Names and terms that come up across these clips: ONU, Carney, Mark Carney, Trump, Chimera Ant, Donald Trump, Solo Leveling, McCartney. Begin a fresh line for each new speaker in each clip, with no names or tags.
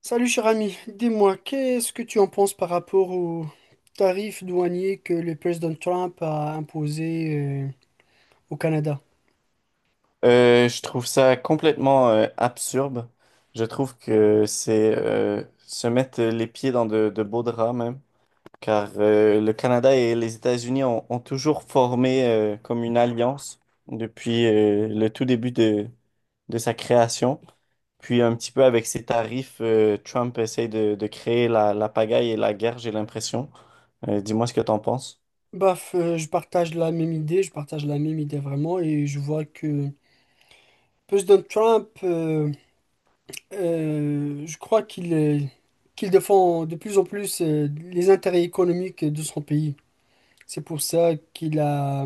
Salut cher ami, dis-moi, qu'est-ce que tu en penses par rapport aux tarifs douaniers que le président Trump a imposé au Canada?
Je trouve ça complètement absurde. Je trouve que c'est se mettre les pieds dans de beaux draps même, car le Canada et les États-Unis ont toujours formé comme une alliance depuis le tout début de sa création. Puis un petit peu avec ses tarifs, Trump essaye de créer la pagaille et la guerre, j'ai l'impression. Dis-moi ce que t'en penses.
Je partage la même idée, je partage la même idée vraiment, et je vois que président Trump, je crois qu'il défend de plus en plus les intérêts économiques de son pays. C'est pour ça qu'il a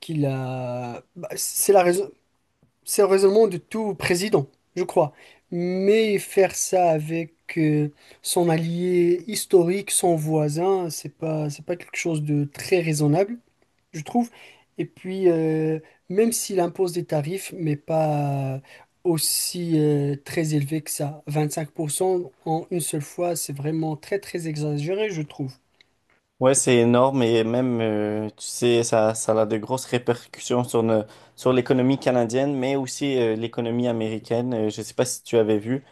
Qu'il a, bah, c'est la raison. C'est le raisonnement de tout président, je crois. Mais faire ça avec son allié historique, son voisin, c'est pas quelque chose de très raisonnable, je trouve. Et puis, même s'il impose des tarifs, mais pas aussi très élevés que ça, 25% en une seule fois, c'est vraiment très très exagéré, je trouve.
Ouais, c'est énorme et même, tu sais, ça a de grosses répercussions sur, ne- sur l'économie canadienne, mais aussi l'économie américaine. Je ne sais pas si tu avais vu,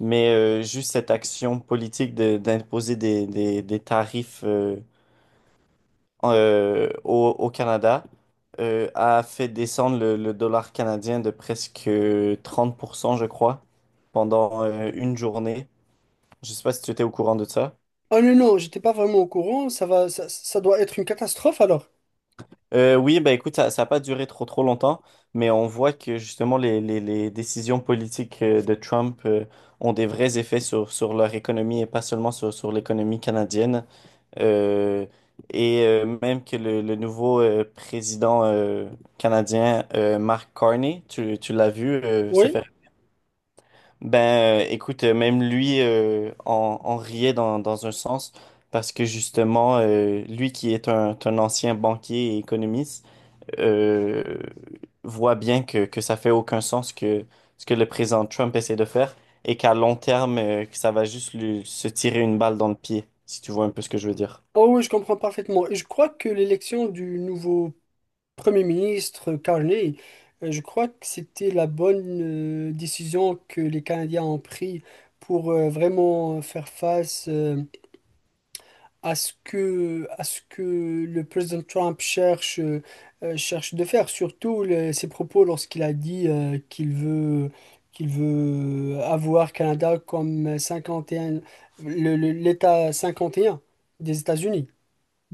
mais juste cette action politique d'imposer des tarifs au Canada a fait descendre le dollar canadien de presque 30% je crois, pendant une journée. Je ne sais pas si tu étais au courant de ça.
Ah non, non, j'étais pas vraiment au courant, ça va, ça doit être une catastrophe alors.
Oui, bah, écoute, ça n'a pas duré trop trop longtemps, mais on voit que justement les décisions politiques de Trump ont des vrais effets sur leur économie et pas seulement sur l'économie canadienne. Euh, et même que le nouveau président canadien, Mark Carney, tu l'as vu se
Oui.
faire. Ben, écoute, même lui en riait dans un sens parce que justement, lui qui est un ancien banquier et économiste, euh, voit bien que ça fait aucun sens que ce que le président Trump essaie de faire, et qu'à long terme, que ça va juste lui, se tirer une balle dans le pied, si tu vois un peu ce que je veux dire.
Oh oui, je comprends parfaitement. Et je crois que l'élection du nouveau Premier ministre Carney, je crois que c'était la bonne décision que les Canadiens ont prise pour vraiment faire face à ce que le président Trump cherche, cherche de faire, surtout ses propos lorsqu'il a dit qu'il veut avoir Canada comme 51, l'État 51 des États-Unis.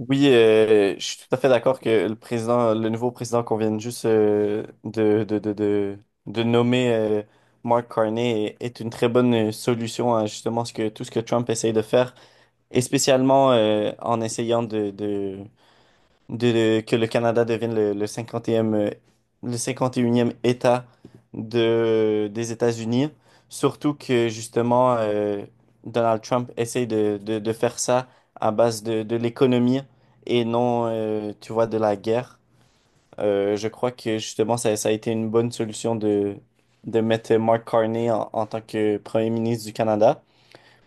Oui, je suis tout à fait d'accord que le président, le nouveau président qu'on vient juste de nommer Mark Carney est une très bonne solution à justement ce que, tout ce que Trump essaye de faire, et spécialement en essayant que le Canada devienne le 51e État des États-Unis. Surtout que justement, Donald Trump essaye de faire ça à base de l'économie et non, tu vois, de la guerre. Je crois que justement, ça a été une bonne solution de mettre Mark Carney en tant que Premier ministre du Canada.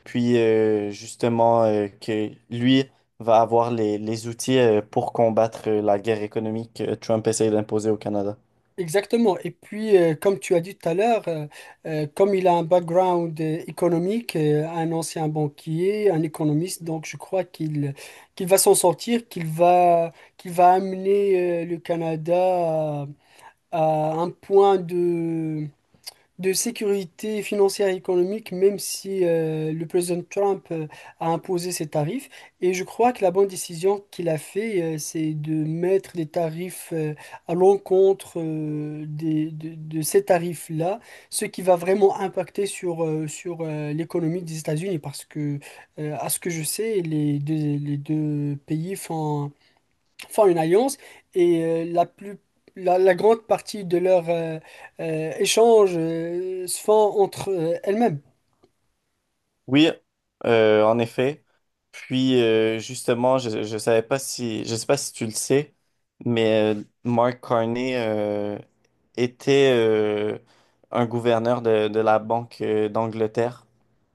Puis justement que lui va avoir les outils pour combattre la guerre économique que Trump essaie d'imposer au Canada.
Exactement. Et puis, comme tu as dit tout à l'heure, comme il a un background économique, un ancien banquier, un économiste, donc je crois qu'il va s'en sortir, qu'il va amener le Canada à, à un point de sécurité financière et économique, même si le président Trump a imposé ces tarifs. Et je crois que la bonne décision qu'il a fait, c'est de mettre des tarifs à l'encontre de ces tarifs-là, ce qui va vraiment impacter sur l'économie des États-Unis, parce que, à ce que je sais, les deux pays font une alliance et la plus la grande partie de leurs échanges se font entre elles-mêmes.
Oui, en effet. Puis justement, je sais pas si tu le sais, mais Mark Carney était un gouverneur de la Banque d'Angleterre.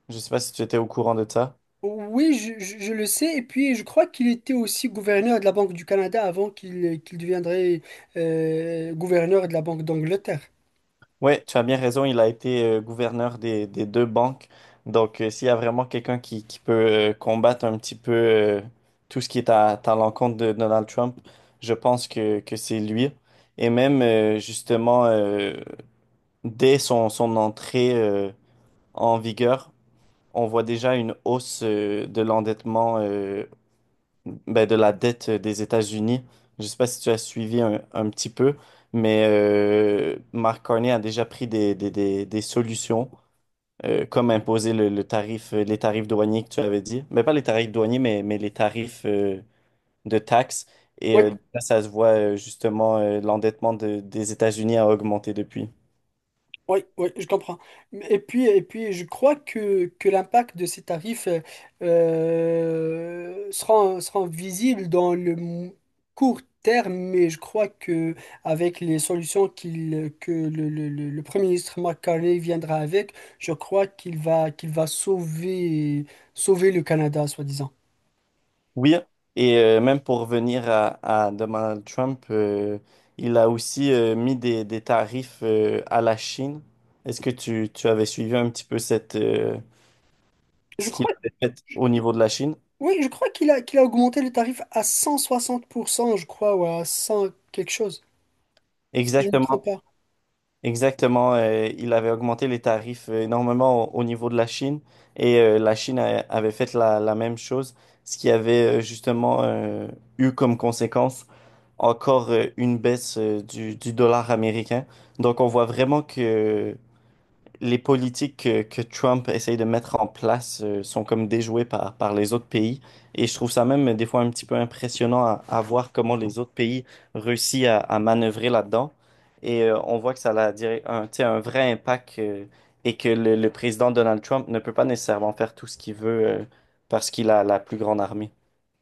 Je sais pas si tu étais au courant de ça.
Oui, je le sais. Et puis, je crois qu'il était aussi gouverneur de la Banque du Canada avant qu'il deviendrait gouverneur de la Banque d'Angleterre.
Oui, tu as bien raison, il a été gouverneur des deux banques. Donc, s'il y a vraiment quelqu'un qui peut combattre un petit peu tout ce qui est à l'encontre de Donald Trump, je pense que c'est lui. Et même, justement, dès son entrée en vigueur, on voit déjà une hausse de l'endettement, ben, de la dette des États-Unis. Je ne sais pas si tu as suivi un petit peu, mais Mark Carney a déjà pris des solutions, comme imposer les tarifs douaniers que tu avais dit. Mais pas les tarifs douaniers, mais les tarifs de taxes. Et
Oui,
ça se voit justement, l'endettement des États-Unis a augmenté depuis.
Oui, oui, je comprends. Et puis je crois que l'impact de ces tarifs sera visible dans court terme, mais je crois que avec les solutions que le Premier ministre McCartney viendra avec, je crois qu'il va sauver, sauver le Canada, soi-disant.
Oui, et même pour revenir à Donald Trump, il a aussi mis des tarifs à la Chine. Est-ce que tu avais suivi un petit peu
Je
ce qu'il
crois,
avait fait au niveau de la Chine?
oui, je crois qu'il a augmenté le tarif à 160%, je crois, ou à cent quelque chose, si je ne me trompe
Exactement.
pas.
Exactement, il avait augmenté les tarifs énormément au niveau de la Chine, et la Chine avait fait la même chose, ce qui avait justement eu comme conséquence encore une baisse du dollar américain. Donc on voit vraiment que les politiques que Trump essaye de mettre en place sont comme déjouées par les autres pays. Et je trouve ça même des fois un petit peu impressionnant à voir comment les autres pays réussissent à manœuvrer là-dedans. Et on voit que ça a, tu sais, un vrai impact, et que le président Donald Trump ne peut pas nécessairement faire tout ce qu'il veut parce qu'il a la plus grande armée.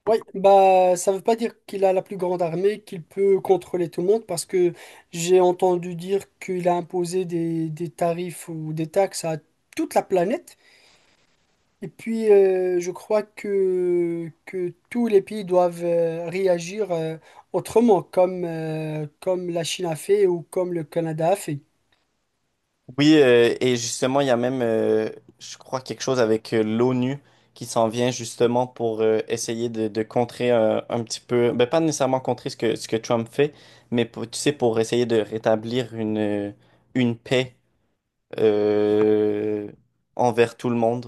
Oui, bah ça veut pas dire qu'il a la plus grande armée, qu'il peut contrôler tout le monde, parce que j'ai entendu dire qu'il a imposé des tarifs ou des taxes à toute la planète. Et puis je crois que tous les pays doivent réagir autrement, comme, comme la Chine a fait ou comme le Canada a fait.
Oui, et justement, il y a même, je crois, quelque chose avec l'ONU qui s'en vient justement pour essayer de contrer un petit peu, ben, pas nécessairement contrer ce que Trump fait, mais tu sais, pour essayer de rétablir une paix euh, envers tout le monde,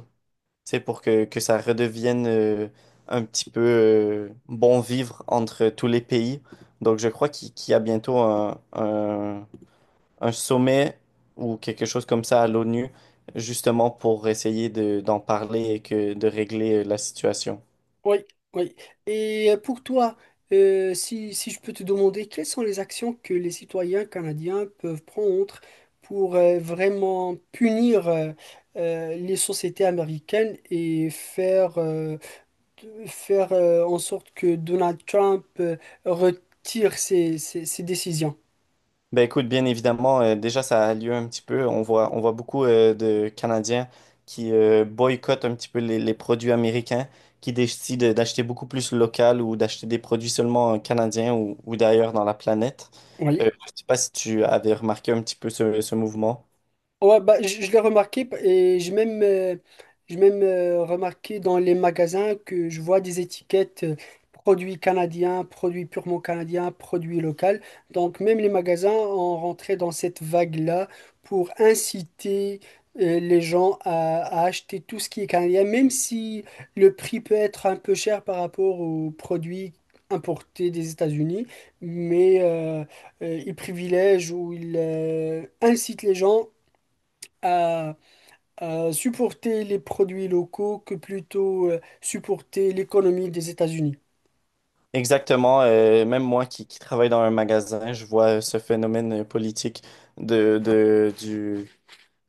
tu sais, pour que ça redevienne un petit peu bon vivre entre tous les pays. Donc, je crois qu'il y a bientôt un sommet ou quelque chose comme ça à l'ONU, justement pour essayer d'en parler et de régler la situation.
Oui, oui. Et pour toi, si, si je peux te demander, quelles sont les actions que les citoyens canadiens peuvent prendre pour vraiment punir les sociétés américaines et faire, faire en sorte que Donald Trump retire ses, ses ses décisions?
Ben, écoute, bien évidemment, déjà ça a lieu un petit peu. On voit beaucoup de Canadiens qui boycottent un petit peu les produits américains, qui décident d'acheter beaucoup plus local ou d'acheter des produits seulement canadiens ou d'ailleurs dans la planète.
Oui.
Je ne sais pas si tu avais remarqué un petit peu ce mouvement.
Ouais, bah, je l'ai remarqué et j'ai même remarqué dans les magasins que je vois des étiquettes produits canadiens, produits purement canadiens, produits locaux. Donc même les magasins ont rentré dans cette vague-là pour inciter les gens à acheter tout ce qui est canadien, même si le prix peut être un peu cher par rapport aux produits importés des États-Unis, mais euh, ils privilègent ou ils incitent les gens à, à supporter les produits locaux que plutôt supporter l'économie des États-Unis.
Exactement, même moi qui travaille dans un magasin, je vois ce phénomène politique de du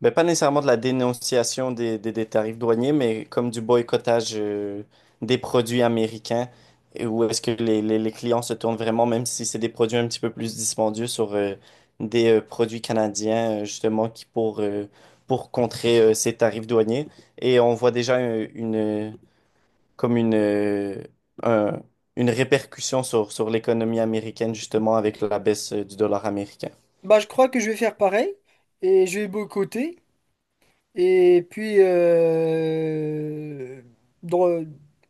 ben, pas nécessairement de la dénonciation des tarifs douaniers, mais comme du boycottage des produits américains, et où est-ce que les clients se tournent vraiment, même si c'est des produits un petit peu plus dispendieux sur des produits canadiens, justement, qui pour contrer ces tarifs douaniers. Et on voit déjà comme un- une répercussion sur l'économie américaine, justement, avec la baisse du dollar américain.
Bah, je crois que je vais faire pareil et je vais boycotter. Et puis, dans-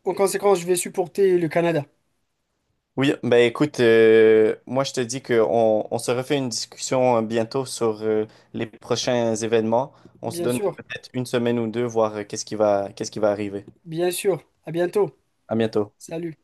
en conséquence, je vais supporter le Canada.
Oui, ben, écoute, moi je te dis qu'on on se refait une discussion bientôt sur les prochains événements. On se
Bien
donne
sûr,
peut-être une semaine ou deux, voir qu'est-ce qui va arriver.
bien sûr. À bientôt.
À bientôt.
Salut.